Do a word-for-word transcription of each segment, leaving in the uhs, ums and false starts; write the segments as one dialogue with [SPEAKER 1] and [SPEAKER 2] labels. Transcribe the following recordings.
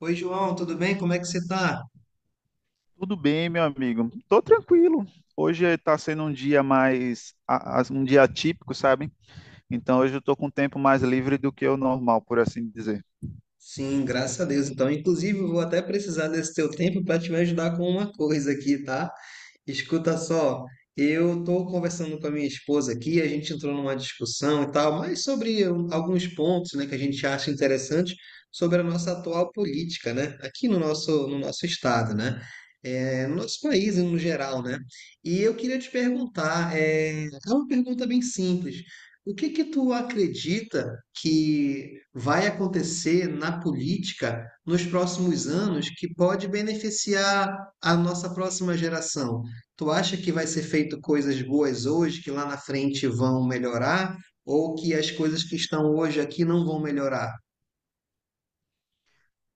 [SPEAKER 1] Oi, João, tudo bem? Como é que você tá?
[SPEAKER 2] Tudo bem, meu amigo. Tô tranquilo. Hoje tá sendo um dia mais, a- as- um dia atípico, sabe? Então hoje eu tô com um tempo mais livre do que o normal, por assim dizer.
[SPEAKER 1] Sim, graças a Deus. Então, inclusive, eu vou até precisar desse teu tempo para te ajudar com uma coisa aqui, tá? Escuta só, eu estou conversando com a minha esposa aqui, a gente entrou numa discussão e tal, mas sobre um, alguns pontos, né, que a gente acha interessante sobre a nossa atual política, né, aqui no nosso, no nosso estado, né, é, no nosso país no geral, né. E eu queria te perguntar, é, é uma pergunta bem simples. O que que tu acredita que vai acontecer na política nos próximos anos que pode beneficiar a nossa próxima geração? Tu acha que vai ser feito coisas boas hoje que lá na frente vão melhorar ou que as coisas que estão hoje aqui não vão melhorar?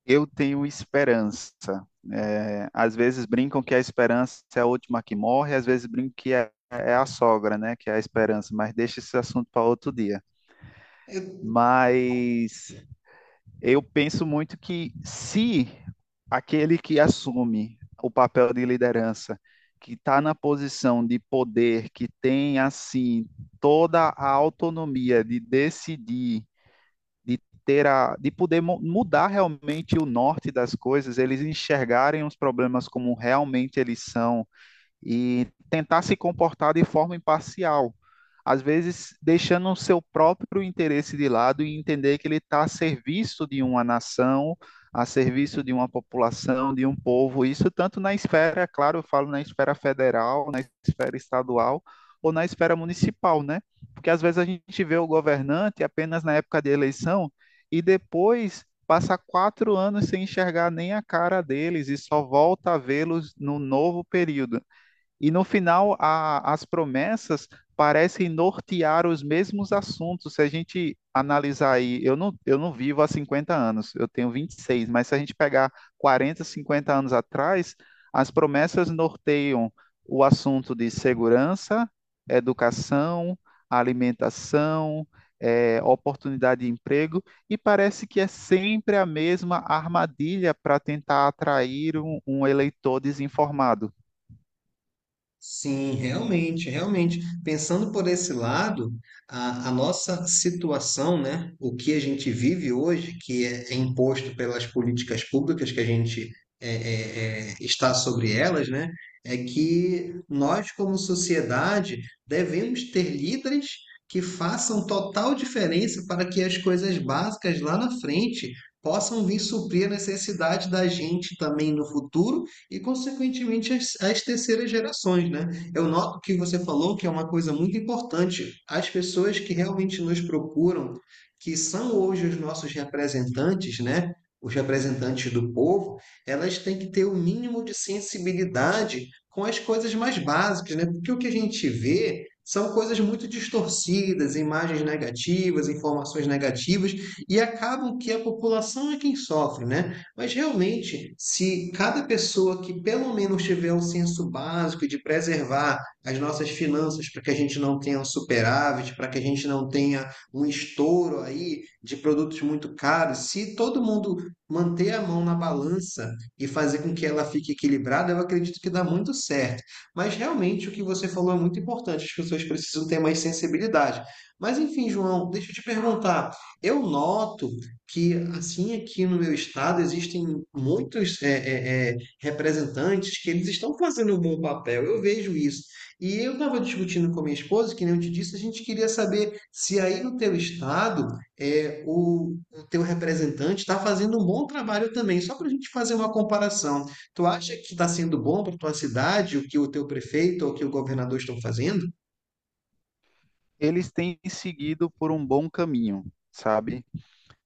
[SPEAKER 2] Eu tenho esperança. É, às vezes brincam que a esperança é a última que morre, às vezes brincam que é, é a sogra, né? Que é a esperança, mas deixa esse assunto para outro dia. Mas eu penso muito que se aquele que assume o papel de liderança, que está na posição de poder, que tem assim toda a autonomia de decidir, de ter a, de poder mu- mudar realmente o norte das coisas, eles enxergarem os problemas como realmente eles são e tentar se comportar de forma imparcial, às vezes deixando o seu próprio interesse de lado e entender que ele está a serviço de uma nação, a serviço de uma população, de um povo, isso tanto na esfera, claro, eu falo na esfera federal, na esfera estadual ou na esfera municipal, né? Porque às vezes a gente vê o governante apenas na época de eleição e depois passa quatro anos sem enxergar nem a cara deles e só volta a vê-los no novo período. E no final, a- as promessas parecem nortear os mesmos assuntos. Se a gente analisar aí, eu não, eu não vivo há cinquenta anos, eu tenho vinte e seis, mas se a gente pegar quarenta, cinquenta anos atrás, as promessas norteiam o assunto de segurança, educação, alimentação, eh, oportunidade de emprego, e parece que é sempre a mesma armadilha para tentar atrair um um eleitor desinformado.
[SPEAKER 1] Sim, realmente, realmente. Pensando por esse lado, a, a nossa situação, né, o que a gente vive hoje, que é, é imposto pelas políticas públicas que a gente é, é, é, está sobre elas, né, é que nós, como sociedade, devemos ter líderes que façam total diferença para que as coisas básicas lá na frente possam vir suprir a necessidade da gente também no futuro e, consequentemente, as, as terceiras gerações, né? Eu noto que você falou que é uma coisa muito importante. As pessoas que realmente nos procuram, que são hoje os nossos representantes, né? Os representantes do povo, elas têm que ter o mínimo de sensibilidade com as coisas mais básicas, né? Porque o que a gente vê são coisas muito distorcidas, imagens negativas, informações negativas, e acabam que a população é quem sofre, né? Mas realmente, se cada pessoa que pelo menos tiver um senso básico de preservar as nossas finanças para que a gente não tenha um superávit, para que a gente não tenha um estouro aí de produtos muito caros, se todo mundo manter a mão na balança e fazer com que ela fique equilibrada, eu acredito que dá muito certo. Mas realmente o que você falou é muito importante, as pessoas precisam ter mais sensibilidade. Mas enfim, João, deixa eu te perguntar. Eu noto que assim aqui no meu estado existem muitos é, é, é, representantes que eles estão fazendo um bom papel. Eu vejo isso. E eu estava discutindo com a minha esposa, que nem eu te disse, a gente queria saber se aí no teu estado é, o, o teu representante está fazendo um bom trabalho também, só para a gente fazer uma comparação. Tu acha que está sendo bom para tua cidade o que o teu prefeito ou o que o governador estão fazendo?
[SPEAKER 2] Eles têm seguido por um bom caminho, sabe?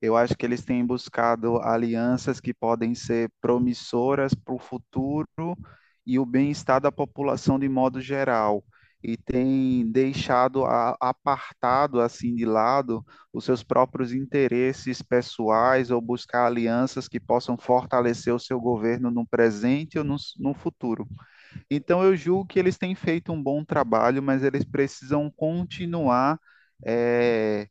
[SPEAKER 2] Eu acho que eles têm buscado alianças que podem ser promissoras para o futuro e o bem-estar da população de modo geral. E têm deixado a- apartado, assim, de lado os seus próprios interesses pessoais ou buscar alianças que possam fortalecer o seu governo no presente ou no, s- no futuro. Então, eu julgo que eles têm feito um bom trabalho, mas eles precisam continuar. é,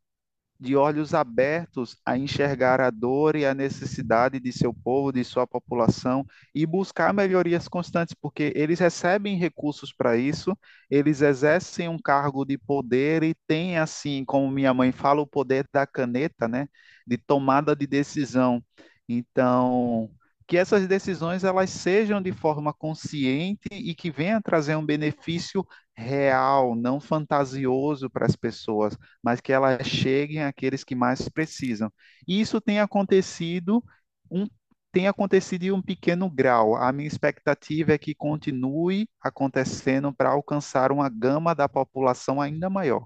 [SPEAKER 2] de olhos abertos a enxergar a dor e a necessidade de seu povo, de sua população e buscar melhorias constantes, porque eles recebem recursos para isso, eles exercem um cargo de poder e têm, assim, como minha mãe fala, o poder da caneta, né, de tomada de decisão. Então, que essas decisões elas sejam de forma consciente e que venha trazer um benefício real, não fantasioso para as pessoas, mas que elas cheguem àqueles que mais precisam. E isso tem acontecido um tem acontecido em um pequeno grau. A minha expectativa é que continue acontecendo para alcançar uma gama da população ainda maior.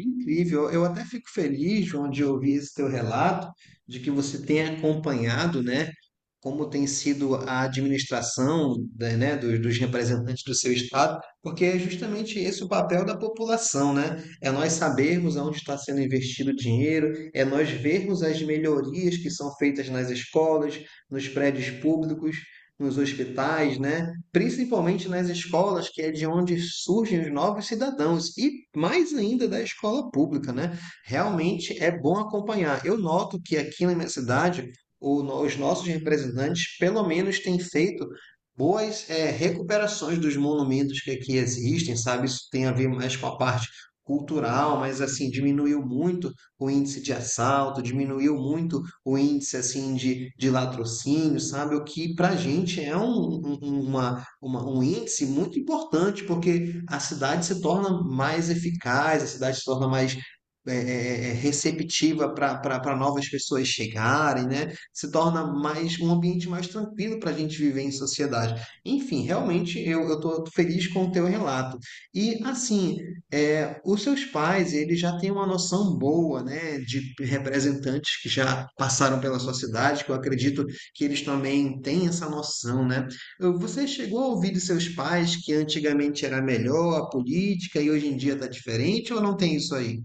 [SPEAKER 1] Incrível. Eu até fico feliz, João, de ouvir esse teu relato, de que você tem acompanhado, né, como tem sido a administração, da- né, dos, dos representantes do seu estado, porque é justamente esse o papel da população, né? É nós sabermos aonde está sendo investido o dinheiro, é nós vermos as melhorias que são feitas nas escolas, nos prédios públicos, nos hospitais, né? Principalmente nas escolas, que é de onde surgem os novos cidadãos, e mais ainda da escola pública, né? Realmente é bom acompanhar. Eu noto que aqui na minha cidade, o os nossos representantes, pelo menos, têm feito boas eh, recuperações dos monumentos que aqui existem, sabe? Isso tem a ver mais com a parte cultural, mas assim diminuiu muito o índice de assalto, diminuiu muito o índice assim de, de latrocínio, sabe? O que para a gente é um- um- uma, uma- um índice muito importante, porque a cidade se torna mais eficaz, a cidade se torna mais é, é, é, receptiva para novas pessoas chegarem, né? Se torna mais um ambiente mais tranquilo para a gente viver em sociedade. Enfim, realmente eu estou feliz com o teu relato. E assim, é, os seus pais, eles já têm uma noção boa, né, de representantes que já passaram pela sua cidade, que eu acredito que eles também têm essa noção, né? "Ah, você chegou a ouvir dos seus pais que antigamente era melhor a política e hoje em dia está diferente ou não tem isso aí?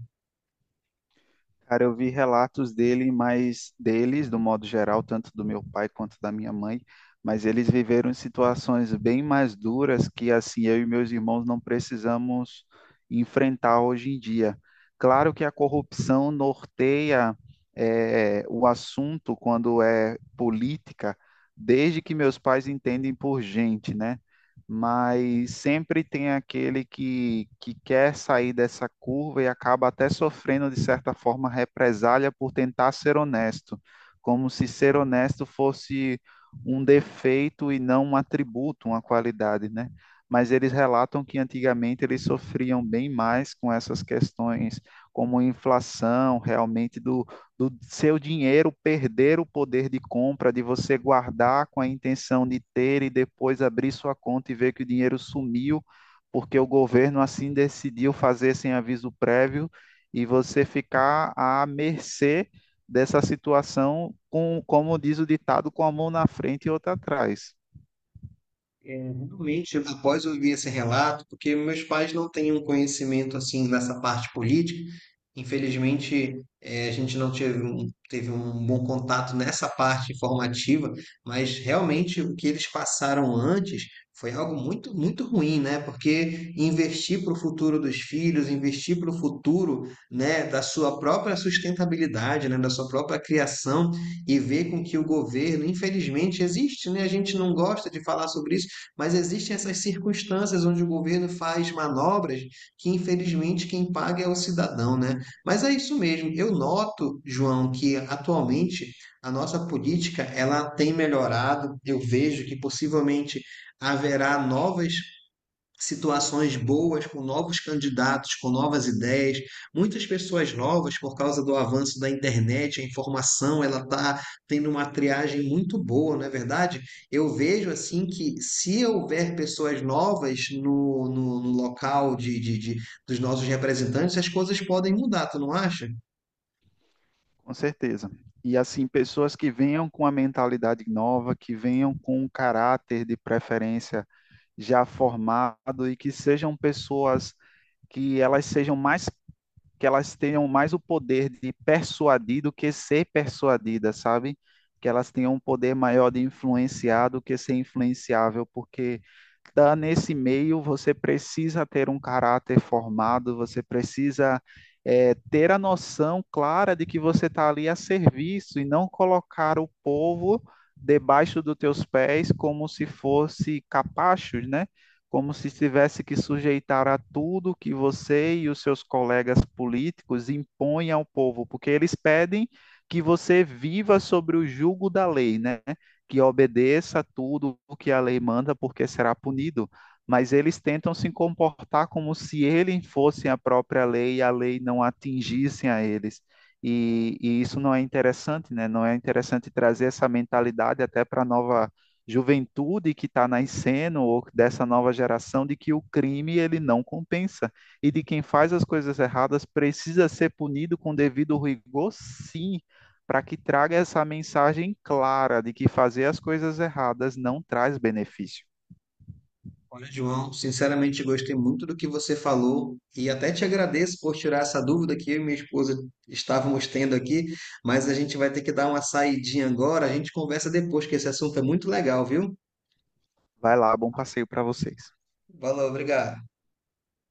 [SPEAKER 2] Cara, eu vi relatos dele, mas deles, do modo geral, tanto do meu pai quanto da minha mãe, mas eles viveram situações bem mais duras que assim eu e meus irmãos não precisamos enfrentar hoje em dia. Claro que a corrupção norteia eh, o assunto quando é política, desde que meus pais entendem por gente, né? Mas sempre tem aquele que, que quer sair dessa curva e acaba até sofrendo, de certa forma, represália por tentar ser honesto, como se ser honesto fosse um defeito e não um atributo, uma qualidade, né? Mas eles relatam que antigamente eles sofriam bem mais com essas questões, como inflação realmente do do seu dinheiro perder o poder de compra, de você guardar com a intenção de ter e depois abrir sua conta e ver que o dinheiro sumiu, porque o governo assim decidiu fazer sem aviso prévio e você ficar à mercê dessa situação com, como diz o ditado, com a mão na frente e outra atrás.
[SPEAKER 1] É, realmente, após eu ouvir esse relato, porque meus pais não têm um conhecimento assim nessa parte política, infelizmente eh, a gente não teve um, teve um bom contato nessa parte informativa, mas realmente o que eles passaram antes foi algo muito, muito ruim, né? Porque investir para o futuro dos filhos, investir para o futuro, né, da sua própria sustentabilidade, né, da sua própria criação, e ver com que o governo, infelizmente, existe, né? A gente não gosta de falar sobre isso, mas existem essas circunstâncias onde o governo faz manobras que, infelizmente, quem paga é o cidadão, né? Mas é isso mesmo. Eu noto, João, que atualmente a nossa política ela tem melhorado. Eu vejo que possivelmente haverá novas situações boas com novos candidatos, com novas ideias, muitas pessoas novas por causa do avanço da internet, a informação, ela está tendo uma triagem muito boa, não é verdade? Eu vejo assim que se houver pessoas novas no, no, no local de, de, de- dos nossos representantes, as coisas podem mudar, tu não acha?
[SPEAKER 2] Com certeza. E assim, pessoas que venham com a mentalidade nova, que venham com um caráter de preferência já formado e que sejam pessoas que elas sejam mais, que elas tenham mais o poder de persuadir do que ser persuadidas, sabe? Que elas tenham um poder maior de influenciar do que ser influenciável, porque tá nesse meio você precisa ter um caráter formado, você precisa é, ter a noção clara de que você está ali a serviço e não colocar o povo debaixo dos teus pés como se fosse capachos, né? Como se tivesse que sujeitar a tudo que você e os seus colegas políticos impõem ao povo, porque eles pedem que você viva sobre o jugo da lei, né? Que obedeça a tudo o que a lei manda, porque será punido. Mas eles tentam se comportar como se eles fossem a própria lei e a lei não atingissem a eles. E, e, isso não é interessante, né? Não é interessante trazer essa mentalidade até para a nova juventude que está nascendo ou dessa nova geração, de que o crime ele não compensa e de quem faz as coisas erradas precisa ser punido com devido rigor, sim, para que traga essa mensagem clara de que fazer as coisas erradas não traz benefício.
[SPEAKER 1] Olha, João, sinceramente gostei muito do que você falou e até te agradeço por tirar essa dúvida que eu e minha esposa estávamos tendo aqui, mas a gente vai ter que dar uma saidinha agora, a gente conversa depois, que esse assunto é muito legal, viu?
[SPEAKER 2] Vai lá, bom passeio para vocês.
[SPEAKER 1] Valeu, obrigado.